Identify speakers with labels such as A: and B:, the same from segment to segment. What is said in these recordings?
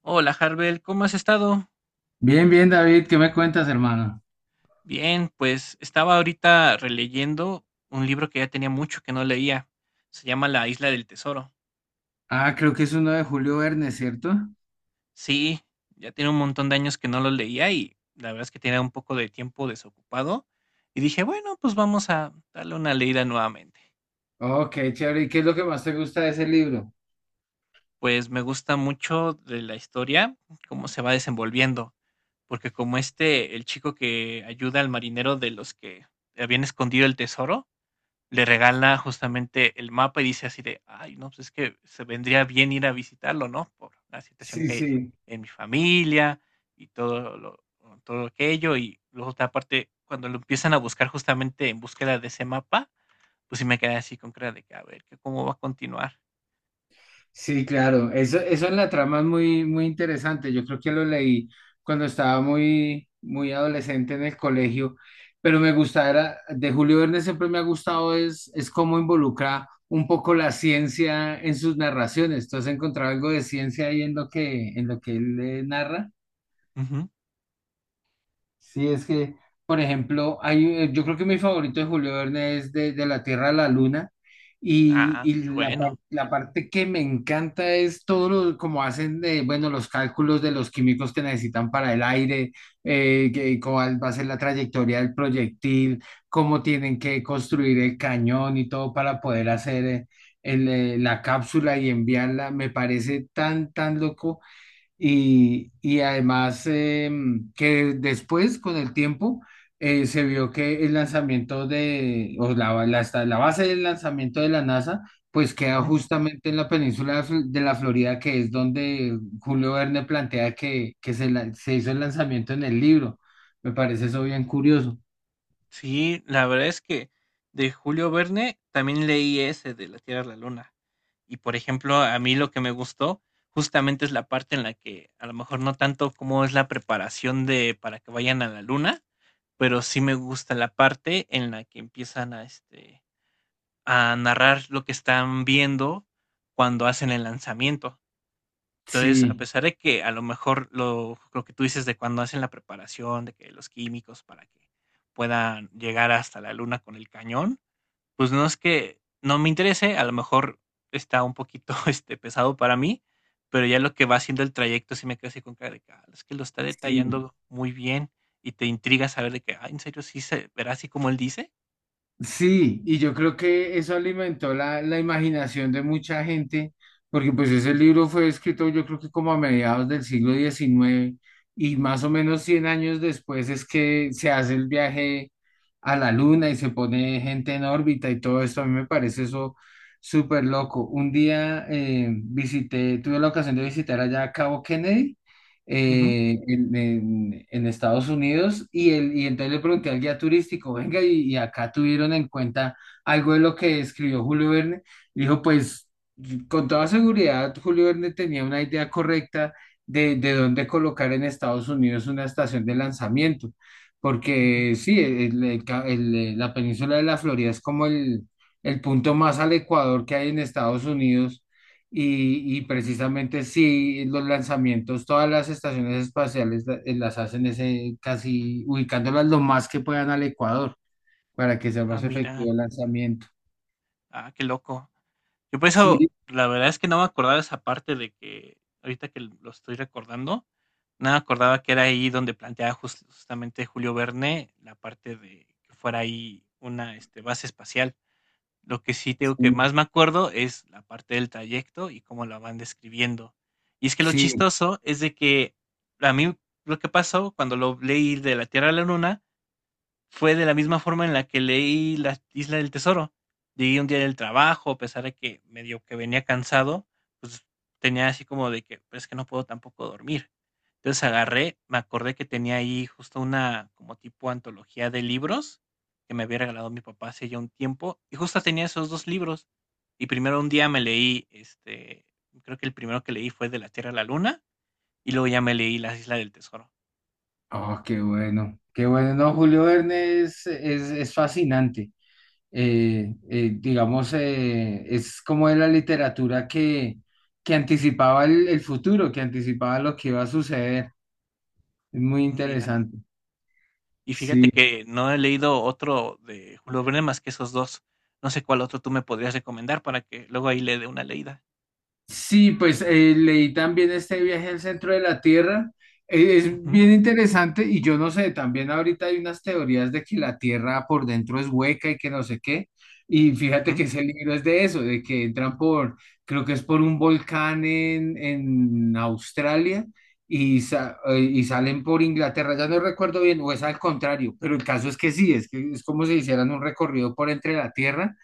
A: Hola, Harbel, ¿cómo has estado?
B: Bien, bien, David, ¿qué me cuentas, hermano?
A: Bien, pues estaba ahorita releyendo un libro que ya tenía mucho que no leía. Se llama La Isla del Tesoro.
B: Ah, creo que es uno de Julio Verne, ¿cierto?
A: Sí, ya tiene un montón de años que no lo leía y la verdad es que tenía un poco de tiempo desocupado. Y dije, bueno, pues vamos a darle una leída nuevamente.
B: Oh, qué chévere. ¿Y qué es lo que más te gusta de ese libro?
A: Pues me gusta mucho de la historia, cómo se va desenvolviendo, porque como este, el chico que ayuda al marinero de los que habían escondido el tesoro, le regala justamente el mapa y dice así de: "Ay, no, pues es que se vendría bien ir a visitarlo, ¿no? Por la situación
B: Sí,
A: que hay
B: sí,
A: en mi familia y todo aquello", y luego otra parte, cuando lo empiezan a buscar justamente en búsqueda de ese mapa, pues sí me quedé así con cara de que, a ver, que cómo va a continuar.
B: sí, claro. Eso en la trama es muy, muy interesante. Yo creo que lo leí cuando estaba muy, muy adolescente en el colegio, pero me gustaba, de Julio Verne siempre me ha gustado es cómo involucra un poco la ciencia en sus narraciones. ¿Tú has encontrado algo de ciencia ahí en lo que él narra?
A: Ujú.
B: Sí, es que, por ejemplo, hay, yo creo que mi favorito de Julio Verne es de La Tierra a la Luna y,
A: Ah,
B: y
A: muy bueno.
B: la parte que me encanta es todo lo, como hacen de, bueno, los cálculos de los químicos que necesitan para el aire, cuál va a ser la trayectoria del proyectil, cómo tienen que construir el cañón y todo para poder hacer la cápsula y enviarla. Me parece tan, tan loco y además que después, con el tiempo, se vio que el lanzamiento o la base del lanzamiento de la NASA, pues queda justamente en la península de la Florida, que es donde Julio Verne plantea que se hizo el lanzamiento en el libro. Me parece eso bien curioso.
A: Sí, la verdad es que de Julio Verne también leí ese de La Tierra a la Luna. Y por ejemplo, a mí lo que me gustó justamente es la parte en la que a lo mejor no tanto como es la preparación de para que vayan a la luna, pero sí me gusta la parte en la que empiezan a narrar lo que están viendo cuando hacen el lanzamiento. Entonces, a
B: Sí.
A: pesar de que a lo mejor lo que tú dices de cuando hacen la preparación, de que los químicos para que puedan llegar hasta la luna con el cañón, pues no es que no me interese, a lo mejor está un poquito, pesado para mí, pero ya lo que va haciendo el trayecto sí me quedo así con cara de que, ah, es que lo está
B: Sí.
A: detallando muy bien y te intriga saber de que, ah, ¿en serio sí se verá así como él dice?
B: Sí, y yo creo que eso alimentó la imaginación de mucha gente, porque pues ese libro fue escrito yo creo que como a mediados del siglo XIX y más o menos 100 años después es que se hace el viaje a la luna y se pone gente en órbita y todo esto. A mí me parece eso súper loco. Un día visité, tuve la ocasión de visitar allá a Cabo Kennedy
A: Ujú,
B: en Estados Unidos y entonces le pregunté al guía turístico, venga, y acá tuvieron en cuenta algo de lo que escribió Julio Verne. Dijo, pues con toda seguridad, Julio Verne tenía una idea correcta de dónde colocar en Estados Unidos una estación de lanzamiento,
A: ujú.
B: porque sí, la península de la Florida es como el punto más al Ecuador que hay en Estados Unidos y precisamente sí los lanzamientos, todas las estaciones espaciales las hacen ese, casi ubicándolas lo más que puedan al Ecuador para que sea
A: Ah,
B: más
A: mira,
B: efectivo el lanzamiento.
A: ah, qué loco. Yo por eso,
B: Sí,
A: la verdad es que no me acordaba de esa parte de que, ahorita que lo estoy recordando, no me acordaba que era ahí donde planteaba justamente Julio Verne la parte de que fuera ahí una base espacial. Lo que sí tengo que más
B: sí,
A: me acuerdo es la parte del trayecto y cómo la van describiendo. Y es que lo
B: sí.
A: chistoso es de que a mí lo que pasó cuando lo leí de la Tierra a la Luna fue de la misma forma en la que leí La Isla del Tesoro. Llegué un día del trabajo, a pesar de que medio que venía cansado, pues tenía así como de que, pues es que no puedo tampoco dormir. Entonces agarré, me acordé que tenía ahí justo una como tipo antología de libros que me había regalado mi papá hace ya un tiempo, y justo tenía esos dos libros. Y primero un día me leí, este, creo que el primero que leí fue De la Tierra a la Luna, y luego ya me leí Las Islas del Tesoro.
B: Oh, qué bueno, qué bueno. No, Julio Verne es fascinante. Digamos, es como de la literatura que anticipaba el futuro, que anticipaba lo que iba a suceder. Es muy
A: Mira.
B: interesante.
A: Y fíjate
B: Sí.
A: que no he leído otro de Julio Verne más que esos dos. No sé cuál otro tú me podrías recomendar para que luego ahí le dé una leída.
B: Sí, pues leí también este viaje al centro de la Tierra. Es
A: Ujú,
B: bien interesante y yo no sé, también ahorita hay unas teorías de que la Tierra por dentro es hueca y que no sé qué. Y fíjate
A: ujú.
B: que ese libro es de eso, de que entran creo que es por un volcán en Australia y salen por Inglaterra. Ya no recuerdo bien, o es al contrario, pero el caso es que sí, es que es como si hicieran un recorrido por entre la Tierra.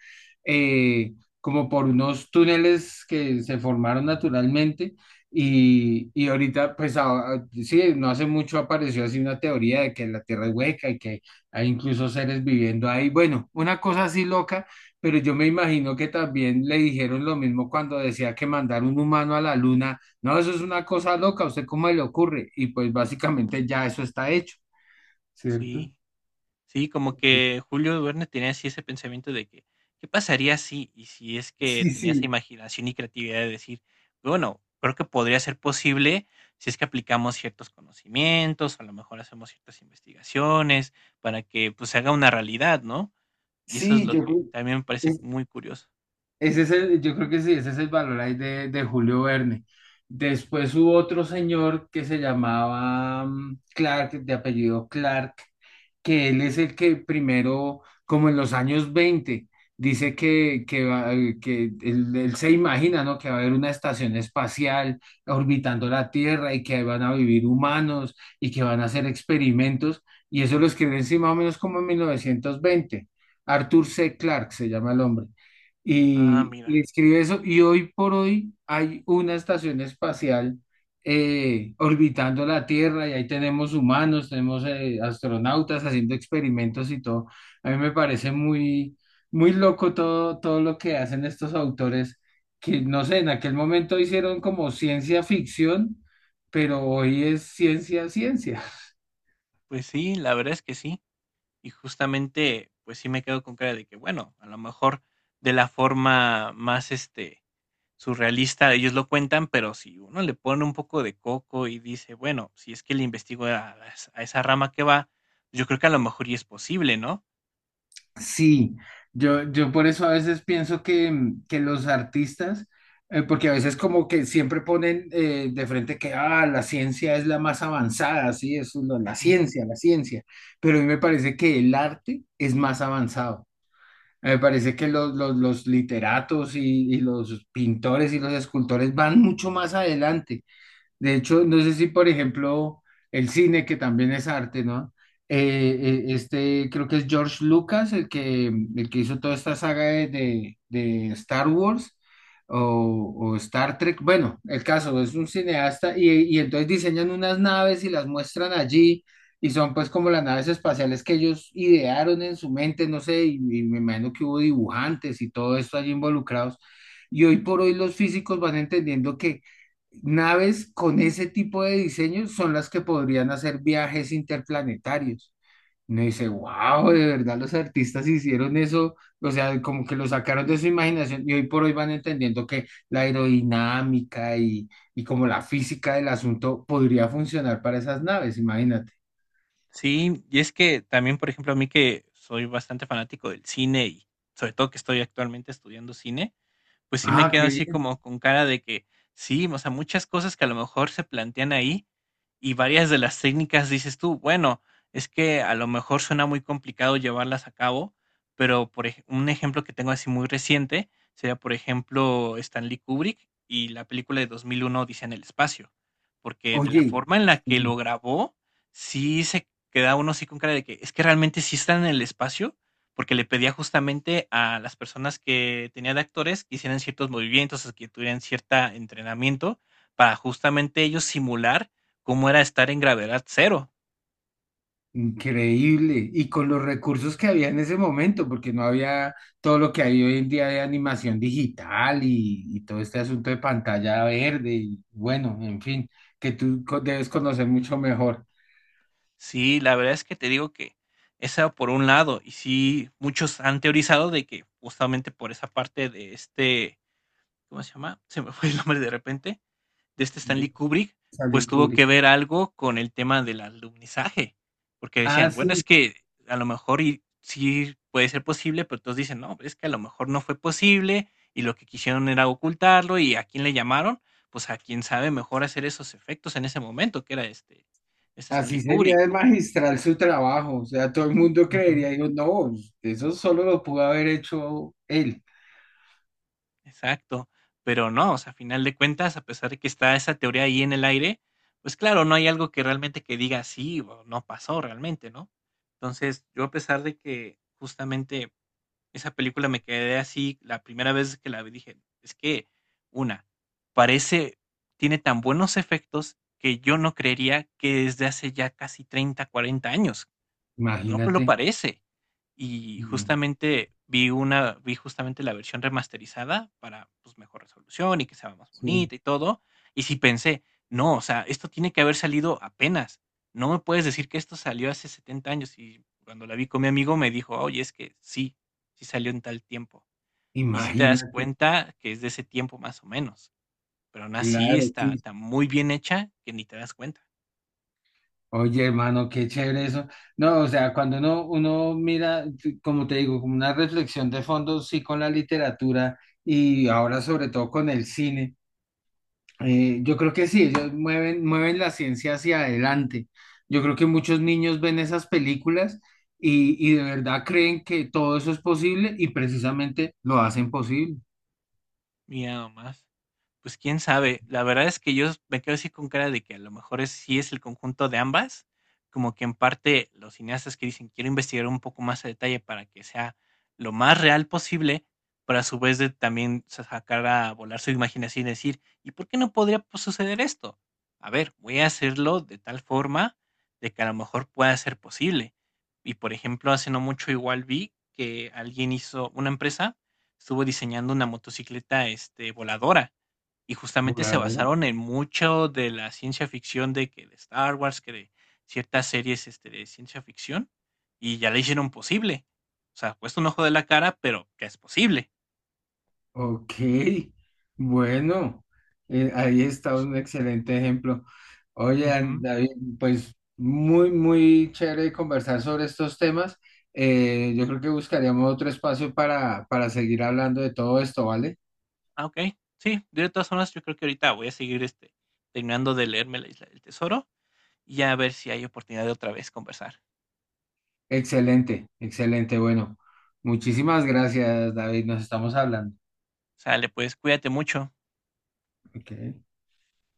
B: eh, Como por unos túneles que se formaron naturalmente y ahorita, pues sí, no hace mucho apareció así una teoría de que la Tierra es hueca y que hay incluso seres viviendo ahí. Bueno, una cosa así loca, pero yo me imagino que también le dijeron lo mismo cuando decía que mandar un humano a la luna, no, eso es una cosa loca, ¿a usted cómo le ocurre? Y pues básicamente ya eso está hecho, ¿cierto?
A: Sí, sí, como que Julio Verne tenía así ese pensamiento de que, ¿qué pasaría si? Y si es que
B: Sí,
A: tenía esa
B: sí,
A: imaginación y creatividad de decir, bueno, creo que podría ser posible si es que aplicamos ciertos conocimientos, a lo mejor hacemos ciertas investigaciones para que pues se haga una realidad, ¿no? Y eso es
B: sí,
A: lo
B: yo
A: que
B: creo.
A: también me parece muy curioso.
B: Ese es el, yo creo que sí, ese es el valor ahí de Julio Verne. Después hubo otro señor que se llamaba Clark, de apellido Clark, que él es el que primero, como en los años 20 dice que él se imagina, ¿no? Que va a haber una estación espacial orbitando la Tierra y que ahí van a vivir humanos y que van a hacer experimentos. Y eso lo escribe encima más o menos como en 1920. Arthur C. Clarke se llama el hombre
A: Ah,
B: y
A: mira.
B: escribe eso. Y hoy por hoy hay una estación espacial orbitando la Tierra y ahí tenemos humanos, tenemos astronautas haciendo experimentos y todo. A mí me parece muy, muy loco todo, todo lo que hacen estos autores que, no sé, en aquel momento hicieron como ciencia ficción, pero hoy es ciencia, ciencia.
A: Pues sí, la verdad es que sí. Y justamente, pues sí me quedo con cara de que, bueno, a lo mejor de la forma más surrealista ellos lo cuentan, pero si uno le pone un poco de coco y dice, bueno, si es que le investigo a esa rama que va, yo creo que a lo mejor y es posible, ¿no?
B: Sí, yo por eso a veces pienso que, que los artistas, porque a veces como que siempre ponen de frente que la ciencia es la más avanzada, sí, eso es
A: Ujú.
B: la ciencia, pero a mí me parece que el arte es más avanzado. Me parece que los literatos y los pintores y los escultores van mucho más adelante. De hecho, no sé si, por ejemplo, el cine, que también es arte, ¿no? Creo que es George Lucas, el que hizo toda esta saga de Star Wars o Star Trek. Bueno, el caso es un cineasta y entonces diseñan unas naves y las muestran allí y son pues como las naves espaciales que ellos idearon en su mente, no sé, y me imagino que hubo dibujantes y todo esto allí involucrados. Y hoy por hoy los físicos van entendiendo que naves con ese tipo de diseño son las que podrían hacer viajes interplanetarios. Uno dice, wow, de verdad los artistas hicieron eso, o sea, como que lo sacaron de su imaginación y hoy por hoy van entendiendo que la aerodinámica y como la física del asunto podría funcionar para esas naves, imagínate.
A: Sí, y es que también, por ejemplo, a mí que soy bastante fanático del cine y sobre todo que estoy actualmente estudiando cine, pues sí me
B: Ah,
A: quedo
B: qué
A: así
B: bien.
A: como con cara de que sí, o sea, muchas cosas que a lo mejor se plantean ahí y varias de las técnicas dices tú, bueno, es que a lo mejor suena muy complicado llevarlas a cabo, pero por un ejemplo que tengo así muy reciente sería, por ejemplo, Stanley Kubrick y la película de 2001 Odisea en el espacio, porque de la
B: Oye,
A: forma en la que lo grabó, sí se queda uno así con cara de que es que realmente sí están en el espacio porque le pedía justamente a las personas que tenía de actores que hicieran ciertos movimientos, o que tuvieran cierto entrenamiento para justamente ellos simular cómo era estar en gravedad cero.
B: increíble. Y con los recursos que había en ese momento, porque no había todo lo que hay hoy en día de animación digital y todo este asunto de pantalla verde. Y bueno, en fin, que tú debes conocer mucho mejor
A: Sí, la verdad es que te digo que esa por un lado, y sí, muchos han teorizado de que justamente por esa parte de este, ¿cómo se llama? Se me fue el nombre de repente, de este
B: de
A: Stanley Kubrick,
B: Stanley
A: pues tuvo
B: Kubrick.
A: que ver algo con el tema del alumnizaje, porque
B: Ah,
A: decían, bueno, es
B: sí,
A: que a lo mejor y, sí puede ser posible, pero todos dicen, no, es que a lo mejor no fue posible y lo que quisieron era ocultarlo y a quién le llamaron, pues a quien sabe mejor hacer esos efectos en ese momento, que era este, este
B: así
A: Stanley
B: sería
A: Kubrick.
B: de magistral su trabajo. O sea, todo el mundo
A: Ujú.
B: creería, digo, no, pues, eso solo lo pudo haber hecho él.
A: Exacto, pero no, o sea, a final de cuentas, a pesar de que está esa teoría ahí en el aire, pues claro, no hay algo que realmente que diga sí o no pasó realmente, ¿no? Entonces, yo a pesar de que justamente esa película me quedé así la primera vez que la vi, dije, es que una, parece, tiene tan buenos efectos que yo no creería que desde hace ya casi 30, 40 años, no pues lo
B: Imagínate.
A: parece. Y
B: No,
A: justamente vi justamente la versión remasterizada para, pues, mejor resolución y que sea más
B: sí,
A: bonita y todo. Y sí pensé: "No, o sea, esto tiene que haber salido apenas. No me puedes decir que esto salió hace 70 años". Y cuando la vi con mi amigo me dijo: "Oye, es que sí, sí salió en tal tiempo". Y sí te das
B: imagínate.
A: cuenta que es de ese tiempo más o menos, pero aún así
B: Claro,
A: está
B: sí.
A: está muy bien hecha que ni te das cuenta.
B: Oye, hermano, qué chévere eso. No, o sea, cuando uno mira, como te digo, como una reflexión de fondo, sí, con la literatura y ahora sobre todo con el cine, yo creo que sí, ellos mueven la ciencia hacia adelante. Yo creo que muchos niños ven esas películas y de verdad creen que todo eso es posible y precisamente lo hacen posible.
A: Mira nomás. Pues quién sabe. La verdad es que yo me quedo así con cara de que a lo mejor es, sí es el conjunto de ambas, como que en parte los cineastas que dicen quiero investigar un poco más a detalle para que sea lo más real posible, pero a su vez de también sacar a volar su imaginación y decir, ¿y por qué no podría pues, suceder esto? A ver, voy a hacerlo de tal forma de que a lo mejor pueda ser posible. Y por ejemplo, hace no mucho igual vi que alguien hizo, una empresa estuvo diseñando una motocicleta voladora y justamente se
B: Voladora.
A: basaron en mucho de la ciencia ficción de que de Star Wars, que de ciertas series, este, de ciencia ficción, y ya le hicieron posible. O sea, cuesta un ojo de la cara, pero ya es posible.
B: Ok, bueno, ahí está un excelente ejemplo. Oye,
A: Ujú.
B: David, pues muy, muy chévere conversar sobre estos temas. Yo creo que buscaríamos otro espacio para seguir hablando de todo esto, ¿vale?
A: Ah, okey. Sí, de todas formas, yo creo que ahorita voy a seguir, este, terminando de leerme La Isla del Tesoro, y ya a ver si hay oportunidad de otra vez conversar.
B: Excelente, excelente. Bueno, muchísimas gracias, David. Nos estamos hablando.
A: Sale, pues, cuídate mucho.
B: Ok.